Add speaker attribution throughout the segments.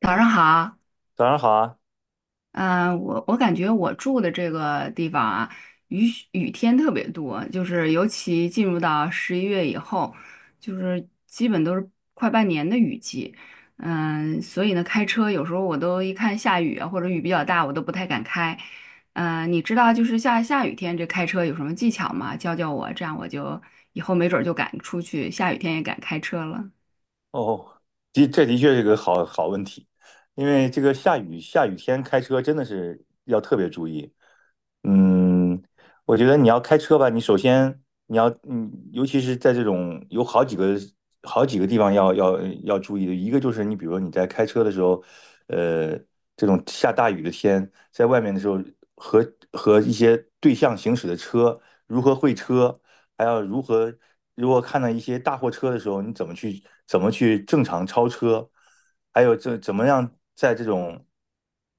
Speaker 1: 早上好，
Speaker 2: 早上好啊！
Speaker 1: 我感觉我住的这个地方啊，雨雨天特别多，就是尤其进入到11月以后，就是基本都是快半年的雨季，所以呢，开车有时候我都一看下雨啊，或者雨比较大，我都不太敢开。嗯，你知道就是下雨天这开车有什么技巧吗？教教我，这样我就以后没准儿就敢出去，下雨天也敢开车了。
Speaker 2: 哦，的确是个好问题，因为这个下雨天开车真的是要特别注意。嗯，我觉得你要开车吧，你首先你要，尤其是在这种有好几个地方要注意的，一个就是你比如说你在开车的时候，呃，这种下大雨的天，在外面的时候和和一些对向行驶的车如何会车，还要如果看到一些大货车的时候，你怎么去正常超车，还有这怎么样在这种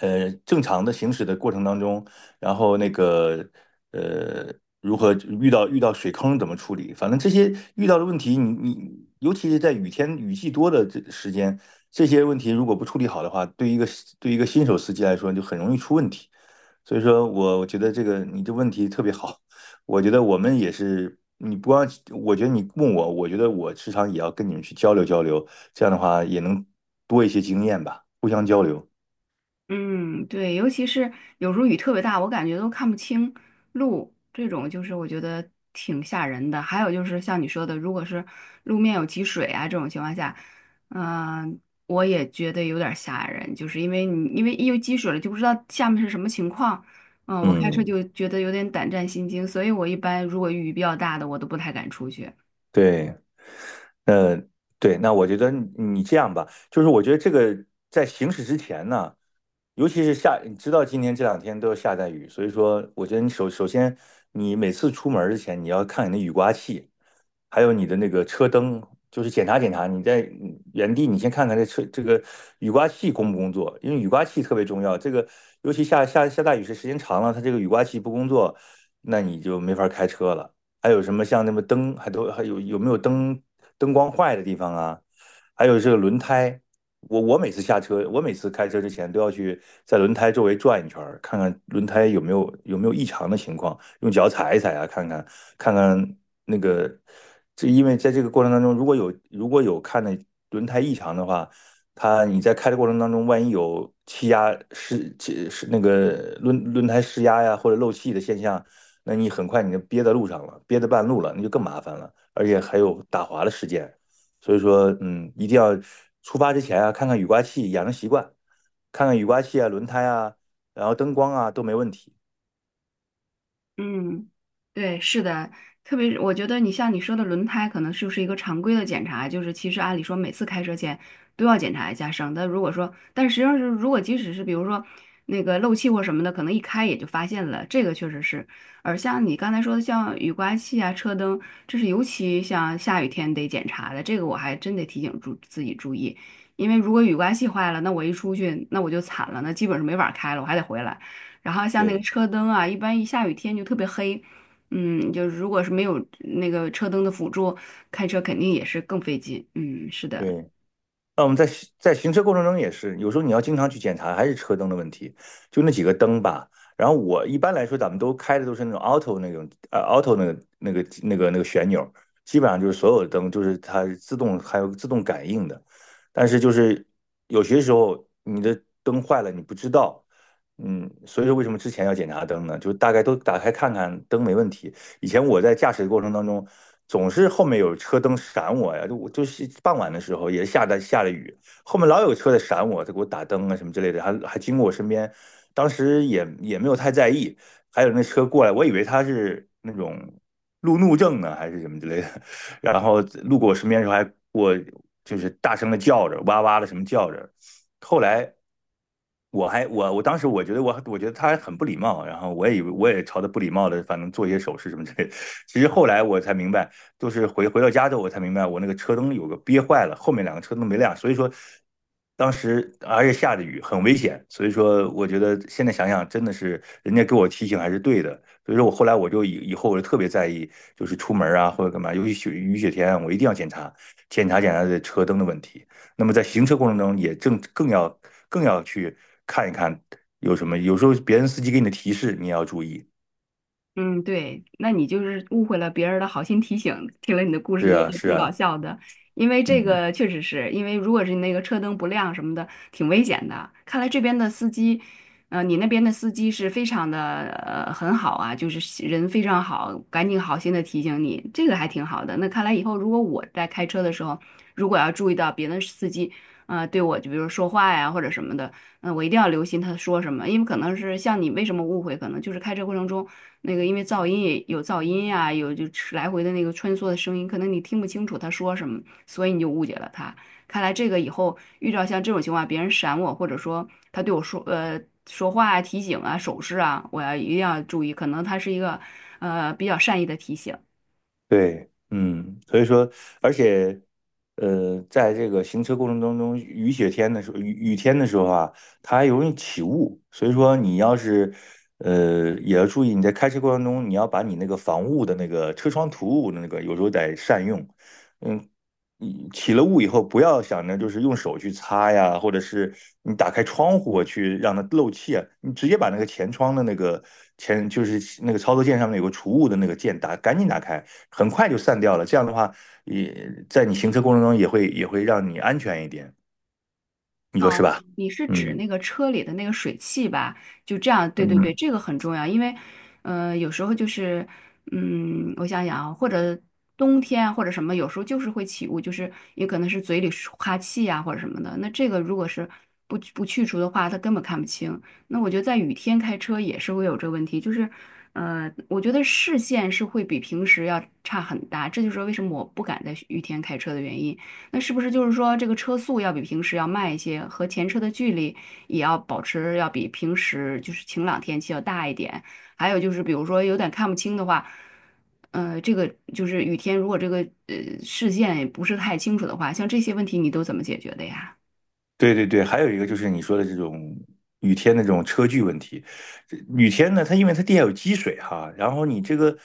Speaker 2: 正常的行驶的过程当中。然后那个呃，如何遇到水坑怎么处理？反正这些遇到的问题，你尤其是在雨天雨季多的这时间，这些问题如果不处理好的话，对一个新手司机来说就很容易出问题。所以说我觉得这个你这问题特别好，我觉得我们也是。你不光，我觉得你问我，我觉得我时常也要跟你们去交流交流，这样的话也能多一些经验吧，互相交流。
Speaker 1: 嗯，对，尤其是有时候雨特别大，我感觉都看不清路，这种就是我觉得挺吓人的。还有就是像你说的，如果是路面有积水啊这种情况下，嗯、我也觉得有点吓人，就是因为一有积水了就不知道下面是什么情况，我开车
Speaker 2: 嗯，
Speaker 1: 就觉得有点胆战心惊，所以我一般如果雨比较大的我都不太敢出去。
Speaker 2: 对。呃，对，那我觉得你这样吧，就是我觉得这个在行驶之前呢，尤其是下，你知道今天这2天都要下大雨，所以说我觉得你首先你每次出门儿之前，你要看你的雨刮器，还有你的那个车灯，就是检查检查。你在原地你先看看这车这个雨刮器工不工作，因为雨刮器特别重要。这个尤其下大雨时间长了，它这个雨刮器不工作，那你就没法开车了。还有什么像那么灯，还有有没有灯光坏的地方啊？还有这个轮胎，我每次下车，我每次开车之前都要去在轮胎周围转一圈儿，看看轮胎有没有异常的情况，用脚踩一踩啊，看看那个，这因为在这个过程当中，如果有看的轮胎异常的话，它你在开的过程当中，万一有气压失气是那个轮胎失压呀，或者漏气的现象，那你很快你就憋在路上了，憋在半路了，那就更麻烦了，而且还有打滑的事件。所以说，一定要出发之前啊，看看雨刮器，养成习惯，看看雨刮器啊、轮胎啊，然后灯光啊都没问题。
Speaker 1: 嗯，对，是的，特别是我觉得你像你说的轮胎，可能就是一个常规的检查，就是其实按理说每次开车前都要检查一下，省得如果说，但实际上是如果即使是比如说那个漏气或什么的，可能一开也就发现了，这个确实是。而像你刚才说的，像雨刮器啊、车灯，这是尤其像下雨天得检查的，这个我还真得提醒自己注意，因为如果雨刮器坏了，那我一出去那我就惨了，那基本是没法开了，我还得回来。然后像那个
Speaker 2: 对
Speaker 1: 车灯啊，一般一下雨天就特别黑，嗯，就是如果是没有那个车灯的辅助，开车肯定也是更费劲。嗯，是的。
Speaker 2: 对。那我们在行车过程中也是，有时候你要经常去检查，还是车灯的问题，就那几个灯吧。然后我一般来说，咱们都开的都是那种 auto 那种auto 那个旋钮，基本上就是所有的灯就是它自动还有自动感应的。但是就是有些时候你的灯坏了你不知道，所以说为什么之前要检查灯呢？就大概都打开看看灯没问题。以前我在驾驶的过程当中，总是后面有车灯闪我呀，就我就是傍晚的时候也下的下了雨，后面老有车在闪我，他给我打灯啊什么之类的，还经过我身边，当时也没有太在意，还有那车过来，我以为他是那种路怒症呢还是什么之类的，然后路过我身边的时候还我就是大声的叫着，哇哇的什么叫着，后来。我当时我觉得他很不礼貌，然后我也以为我也朝他不礼貌的，反正做一些手势什么之类的。其实后来我才明白，就是回到家之后，我才明白我那个车灯有个憋坏了，后面两个车灯没亮，所以说当时而且下着雨，很危险，所以说我觉得现在想想真的是人家给我提醒还是对的，所以说我后来我就以后我就特别在意，就是出门啊或者干嘛，尤其雨雪天啊，我一定要检查检查这车灯的问题。那么在行车过程中也正更要更要去看一看有什么，有时候别人司机给你的提示你也要注意。
Speaker 1: 嗯，对，那你就是误会了别人的好心提醒，听了你的故事
Speaker 2: 是
Speaker 1: 觉
Speaker 2: 啊，
Speaker 1: 得
Speaker 2: 是
Speaker 1: 挺搞
Speaker 2: 啊，
Speaker 1: 笑的，因为这
Speaker 2: 嗯。
Speaker 1: 个确实是因为如果是那个车灯不亮什么的，挺危险的。看来这边的司机，你那边的司机是非常的很好啊，就是人非常好，赶紧好心的提醒你，这个还挺好的。那看来以后如果我在开车的时候，如果要注意到别的司机，对我就比如说话呀或者什么的。嗯，我一定要留心他说什么，因为可能是像你为什么误会，可能就是开车过程中那个因为噪音呀、有就是来回的那个穿梭的声音，可能你听不清楚他说什么，所以你就误解了他。看来这个以后遇到像这种情况，别人闪我，或者说他对我说说话啊、提醒啊、手势啊，一定要注意，可能他是一个比较善意的提醒。
Speaker 2: 对，所以说，而且，在这个行车过程当中，雨雪天的时候，雨天的时候啊，它还容易起雾，所以说你要是，也要注意你在开车过程中，你要把你那个防雾的那个车窗涂雾的那个，有时候得善用，嗯，你起了雾以后，不要想着就是用手去擦呀，或者是你打开窗户去让它漏气啊，你直接把那个前窗的那个就是那个操作键上面有个除雾的那个键打，赶紧打开，很快就散掉了。这样的话，也在你行车过程中也会让你安全一点，你说是
Speaker 1: 哦，
Speaker 2: 吧？
Speaker 1: 你是指
Speaker 2: 嗯
Speaker 1: 那个车里的那个水汽吧？就这样，对对对，
Speaker 2: 嗯，
Speaker 1: 这个很重要，因为，有时候就是，嗯，我想想啊，或者冬天或者什么，有时候就是会起雾，就是也可能是嘴里是哈气呀、或者什么的。那这个如果是不去除的话，它根本看不清。那我觉得在雨天开车也是会有这个问题，就是，我觉得视线是会比平时要差很大，这就是为什么我不敢在雨天开车的原因。那是不是就是说，这个车速要比平时要慢一些，和前车的距离也要保持要比平时就是晴朗天气要大一点？还有就是，比如说有点看不清的话，这个就是雨天，如果这个呃视线也不是太清楚的话，像这些问题你都怎么解决的呀？
Speaker 2: 对对对，还有一个就是你说的这种雨天的这种车距问题。这雨天呢，它因为它地下有积水哈，然后你这个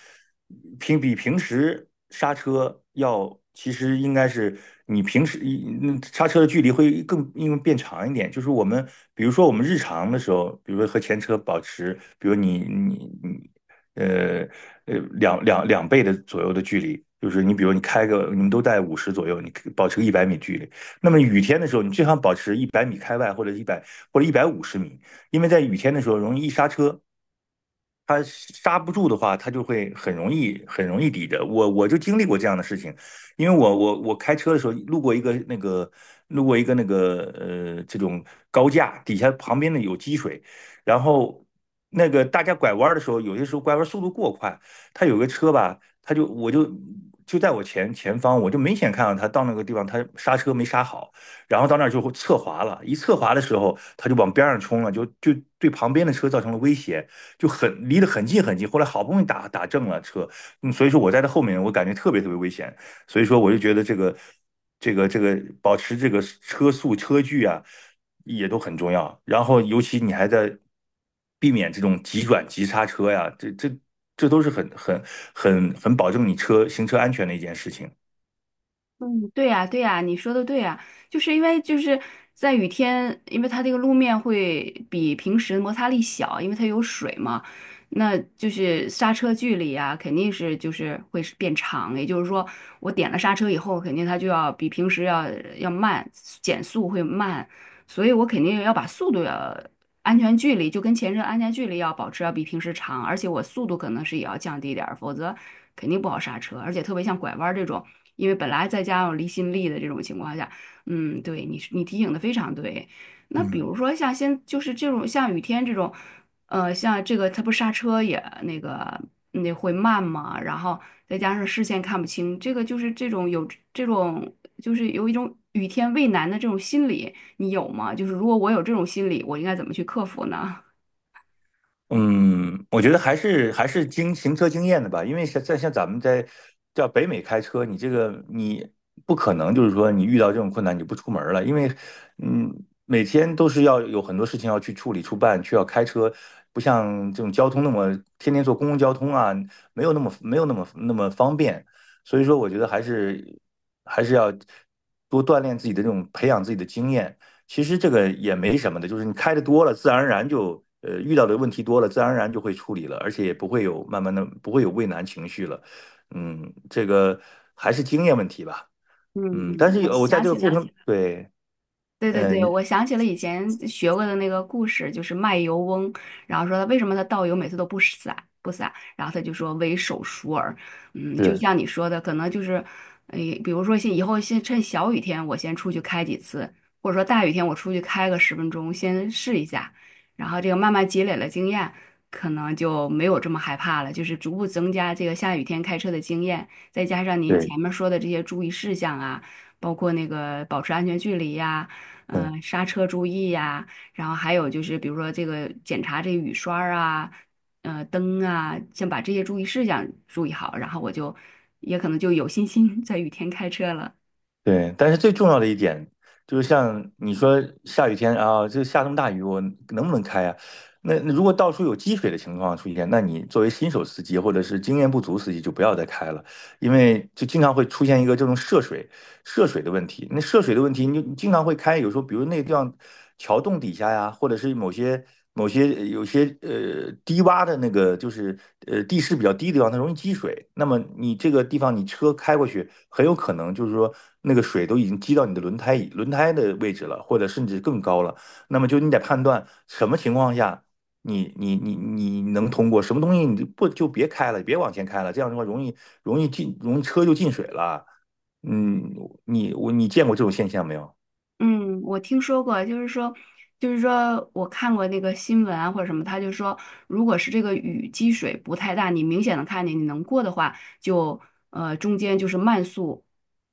Speaker 2: 比平时刹车要，其实应该是你平时一刹车的距离会更因为变长一点。就是我们比如说我们日常的时候，比如说和前车保持，比如你呃两倍的左右的距离，就是你比如你开个你们都在五十左右，你保持个一百米距离。那么雨天的时候，你最好保持一百米开外或者150米，因为在雨天的时候容易一刹车，他刹不住的话，他就会很容易很容易抵着。我就经历过这样的事情，因为我开车的时候路过一个那个这种高架，底下旁边呢有积水，然后那个大家拐弯的时候，有些时候拐弯速度过快，他有个车吧，他就我就。就在我前方，我就明显看到他到那个地方，他刹车没刹好，然后到那儿就侧滑了。一侧滑的时候，他就往边上冲了，就对旁边的车造成了威胁。就很离得很近很近。后来好不容易打正了车，所以说我在他后面，我感觉特别特别危险。所以说我就觉得这个保持这个车速车距啊，也都很重要。然后尤其你还在避免这种急转急刹车呀，这都是很保证你行车安全的一件事情。
Speaker 1: 嗯，对呀，对呀，你说的对呀，就是因为就是在雨天，因为它这个路面会比平时摩擦力小，因为它有水嘛，那就是刹车距离啊，肯定是就是会是变长，也就是说，我点了刹车以后，肯定它就要比平时要慢，减速会慢，所以我肯定要把速度要安全距离就跟前车安全距离要保持要比平时长，而且我速度可能是也要降低点儿，否则肯定不好刹车。而且特别像拐弯儿这种，因为本来再加上离心力的这种情况下，嗯，对你提醒的非常对。那比
Speaker 2: 嗯。
Speaker 1: 如说就是这种像雨天这种，像这个它不刹车也那个那会慢嘛，然后再加上视线看不清，这个就是这种有这种就是有一种雨天畏难的这种心理。你有吗？就是如果我有这种心理，我应该怎么去克服呢？
Speaker 2: 嗯，我觉得还是行车经验的吧，因为像咱们在叫北美开车，你这个你不可能就是说你遇到这种困难你就不出门了，因为嗯每天都是要有很多事情要去处理、处办，去要开车，不像这种交通那么天天坐公共交通啊，没有那么方便，所以说我觉得还是要多锻炼自己的这种培养自己的经验。其实这个也没什么的，就是你开的多了，自然而然就遇到的问题多了，自然而然就会处理了，而且也不会有慢慢的不会有畏难情绪了。嗯，这个还是经验问题吧。
Speaker 1: 嗯
Speaker 2: 嗯，但
Speaker 1: 嗯，
Speaker 2: 是
Speaker 1: 我
Speaker 2: 有我在
Speaker 1: 想
Speaker 2: 这个
Speaker 1: 起
Speaker 2: 过
Speaker 1: 了，
Speaker 2: 程，对，
Speaker 1: 对对对，
Speaker 2: 嗯，
Speaker 1: 我想起了以前学过的那个故事，就是卖油翁，然后说他为什么他倒油每次都不洒，然后他就说为手熟耳，嗯，就
Speaker 2: 是，
Speaker 1: 像你说的，可能就是，哎，比如说以后先趁小雨天我先出去开几次，或者说大雨天我出去开个10分钟先试一下，然后这个慢慢积累了经验，可能就没有这么害怕了，就是逐步增加这个下雨天开车的经验，再加上您
Speaker 2: 对。
Speaker 1: 前面说的这些注意事项啊，包括那个保持安全距离呀。
Speaker 2: 嗯。
Speaker 1: 刹车注意呀、然后还有就是比如说这个检查这个雨刷儿啊，灯啊，先把这些注意事项注意好，然后我就也可能就有信心 在雨天开车了。
Speaker 2: 对，但是最重要的一点就是，像你说下雨天啊，这下这么大雨，我能不能开啊？那如果到处有积水的情况出现，那你作为新手司机或者是经验不足司机就不要再开了，因为就经常会出现一个这种涉水，涉水的问题。那涉水的问题，你就经常会开，有时候比如那个地方桥洞底下呀，或者是某些有些低洼的那个，就是地势比较低的地方，它容易积水。那么你这个地方，你车开过去，很有可能就是说那个水都已经积到你的轮胎的位置了，或者甚至更高了。那么就你得判断什么情况下。你能通过什么东西你就不就别开了，别往前开了，这样的话容易容易进容易车就进水了。嗯，你见过这种现象没有？
Speaker 1: 嗯，我听说过，就是说，就是说我看过那个新闻啊或者什么，他就说，如果是这个雨积水不太大，你明显的看见你能过的话，就中间就是慢速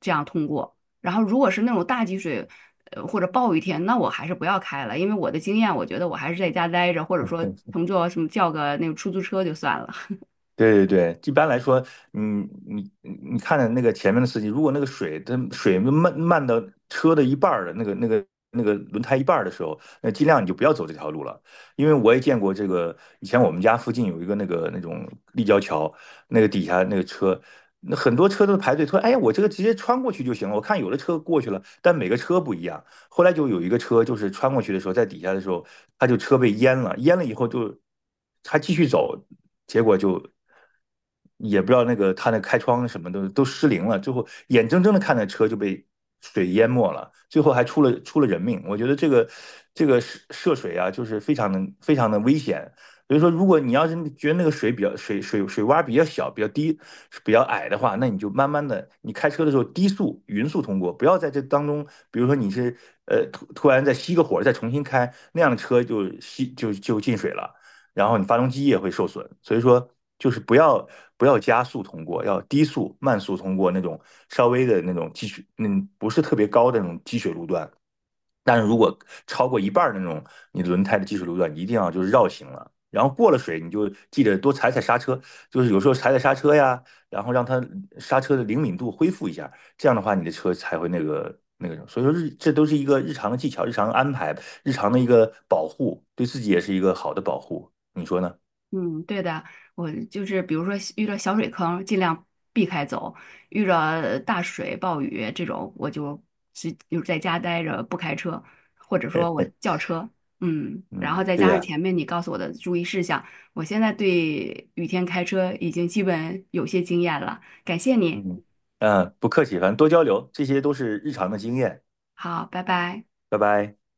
Speaker 1: 这样通过。然后如果是那种大积水，或者暴雨天，那我还是不要开了，因为我的经验，我觉得我还是在家待着，或者说
Speaker 2: 嗯，
Speaker 1: 乘坐什么叫个那个出租车就算了。
Speaker 2: 对对对，一般来说，嗯，你看的那个前面的司机，如果那个水它水漫到车的一半儿的那个轮胎一半儿的时候，那尽量你就不要走这条路了，因为我也见过这个，以前我们家附近有一个那个那种立交桥，那个底下那个车，那很多车都排队，说哎呀，我这个直接穿过去就行了。我看有的车过去了，但每个车不一样，后来就有一个车，就是穿过去的时候，在底下的时候，他就车被淹了，淹了以后就他继续走，结果就也不知道那个他那开窗什么的都失灵了，最后眼睁睁的看着车就被水淹没了，最后还出了人命。我觉得这个这个涉水啊，就是非常的危险，所以说，如果你要是觉得那个水比较水洼比较小、比较低、比较矮的话，那你就慢慢的，你开车的时候低速、匀速通过，不要在这当中，比如说你是突然再熄个火再重新开，那样的车就就进水了，然后你发动机也会受损。所以说，就是不要加速通过，要低速慢速通过那种稍微的那种积水，嗯，不是特别高的那种积水路段。但是如果超过一半那种，你轮胎的技术路段，你一定要就是绕行了。然后过了水，你就记得多踩踩刹车，就是有时候踩踩刹车呀，然后让它刹车的灵敏度恢复一下，这样的话你的车才会那个那个什么。所以说这都是一个日常的技巧、日常的安排、日常的一个保护，对自己也是一个好的保护。你说呢？
Speaker 1: 嗯，对的，我就是比如说遇到小水坑，尽量避开走；遇到大水、暴雨这种，我就在家待着，不开车，或者说我
Speaker 2: 嘿，
Speaker 1: 叫车。嗯，然后
Speaker 2: 嗯，
Speaker 1: 再
Speaker 2: 对
Speaker 1: 加上
Speaker 2: 呀，
Speaker 1: 前面你告诉我的注意事项，我现在对雨天开车已经基本有些经验了。感谢你，
Speaker 2: 嗯嗯，不客气，反正多交流，这些都是日常的经验。
Speaker 1: 好，拜拜。
Speaker 2: 拜拜。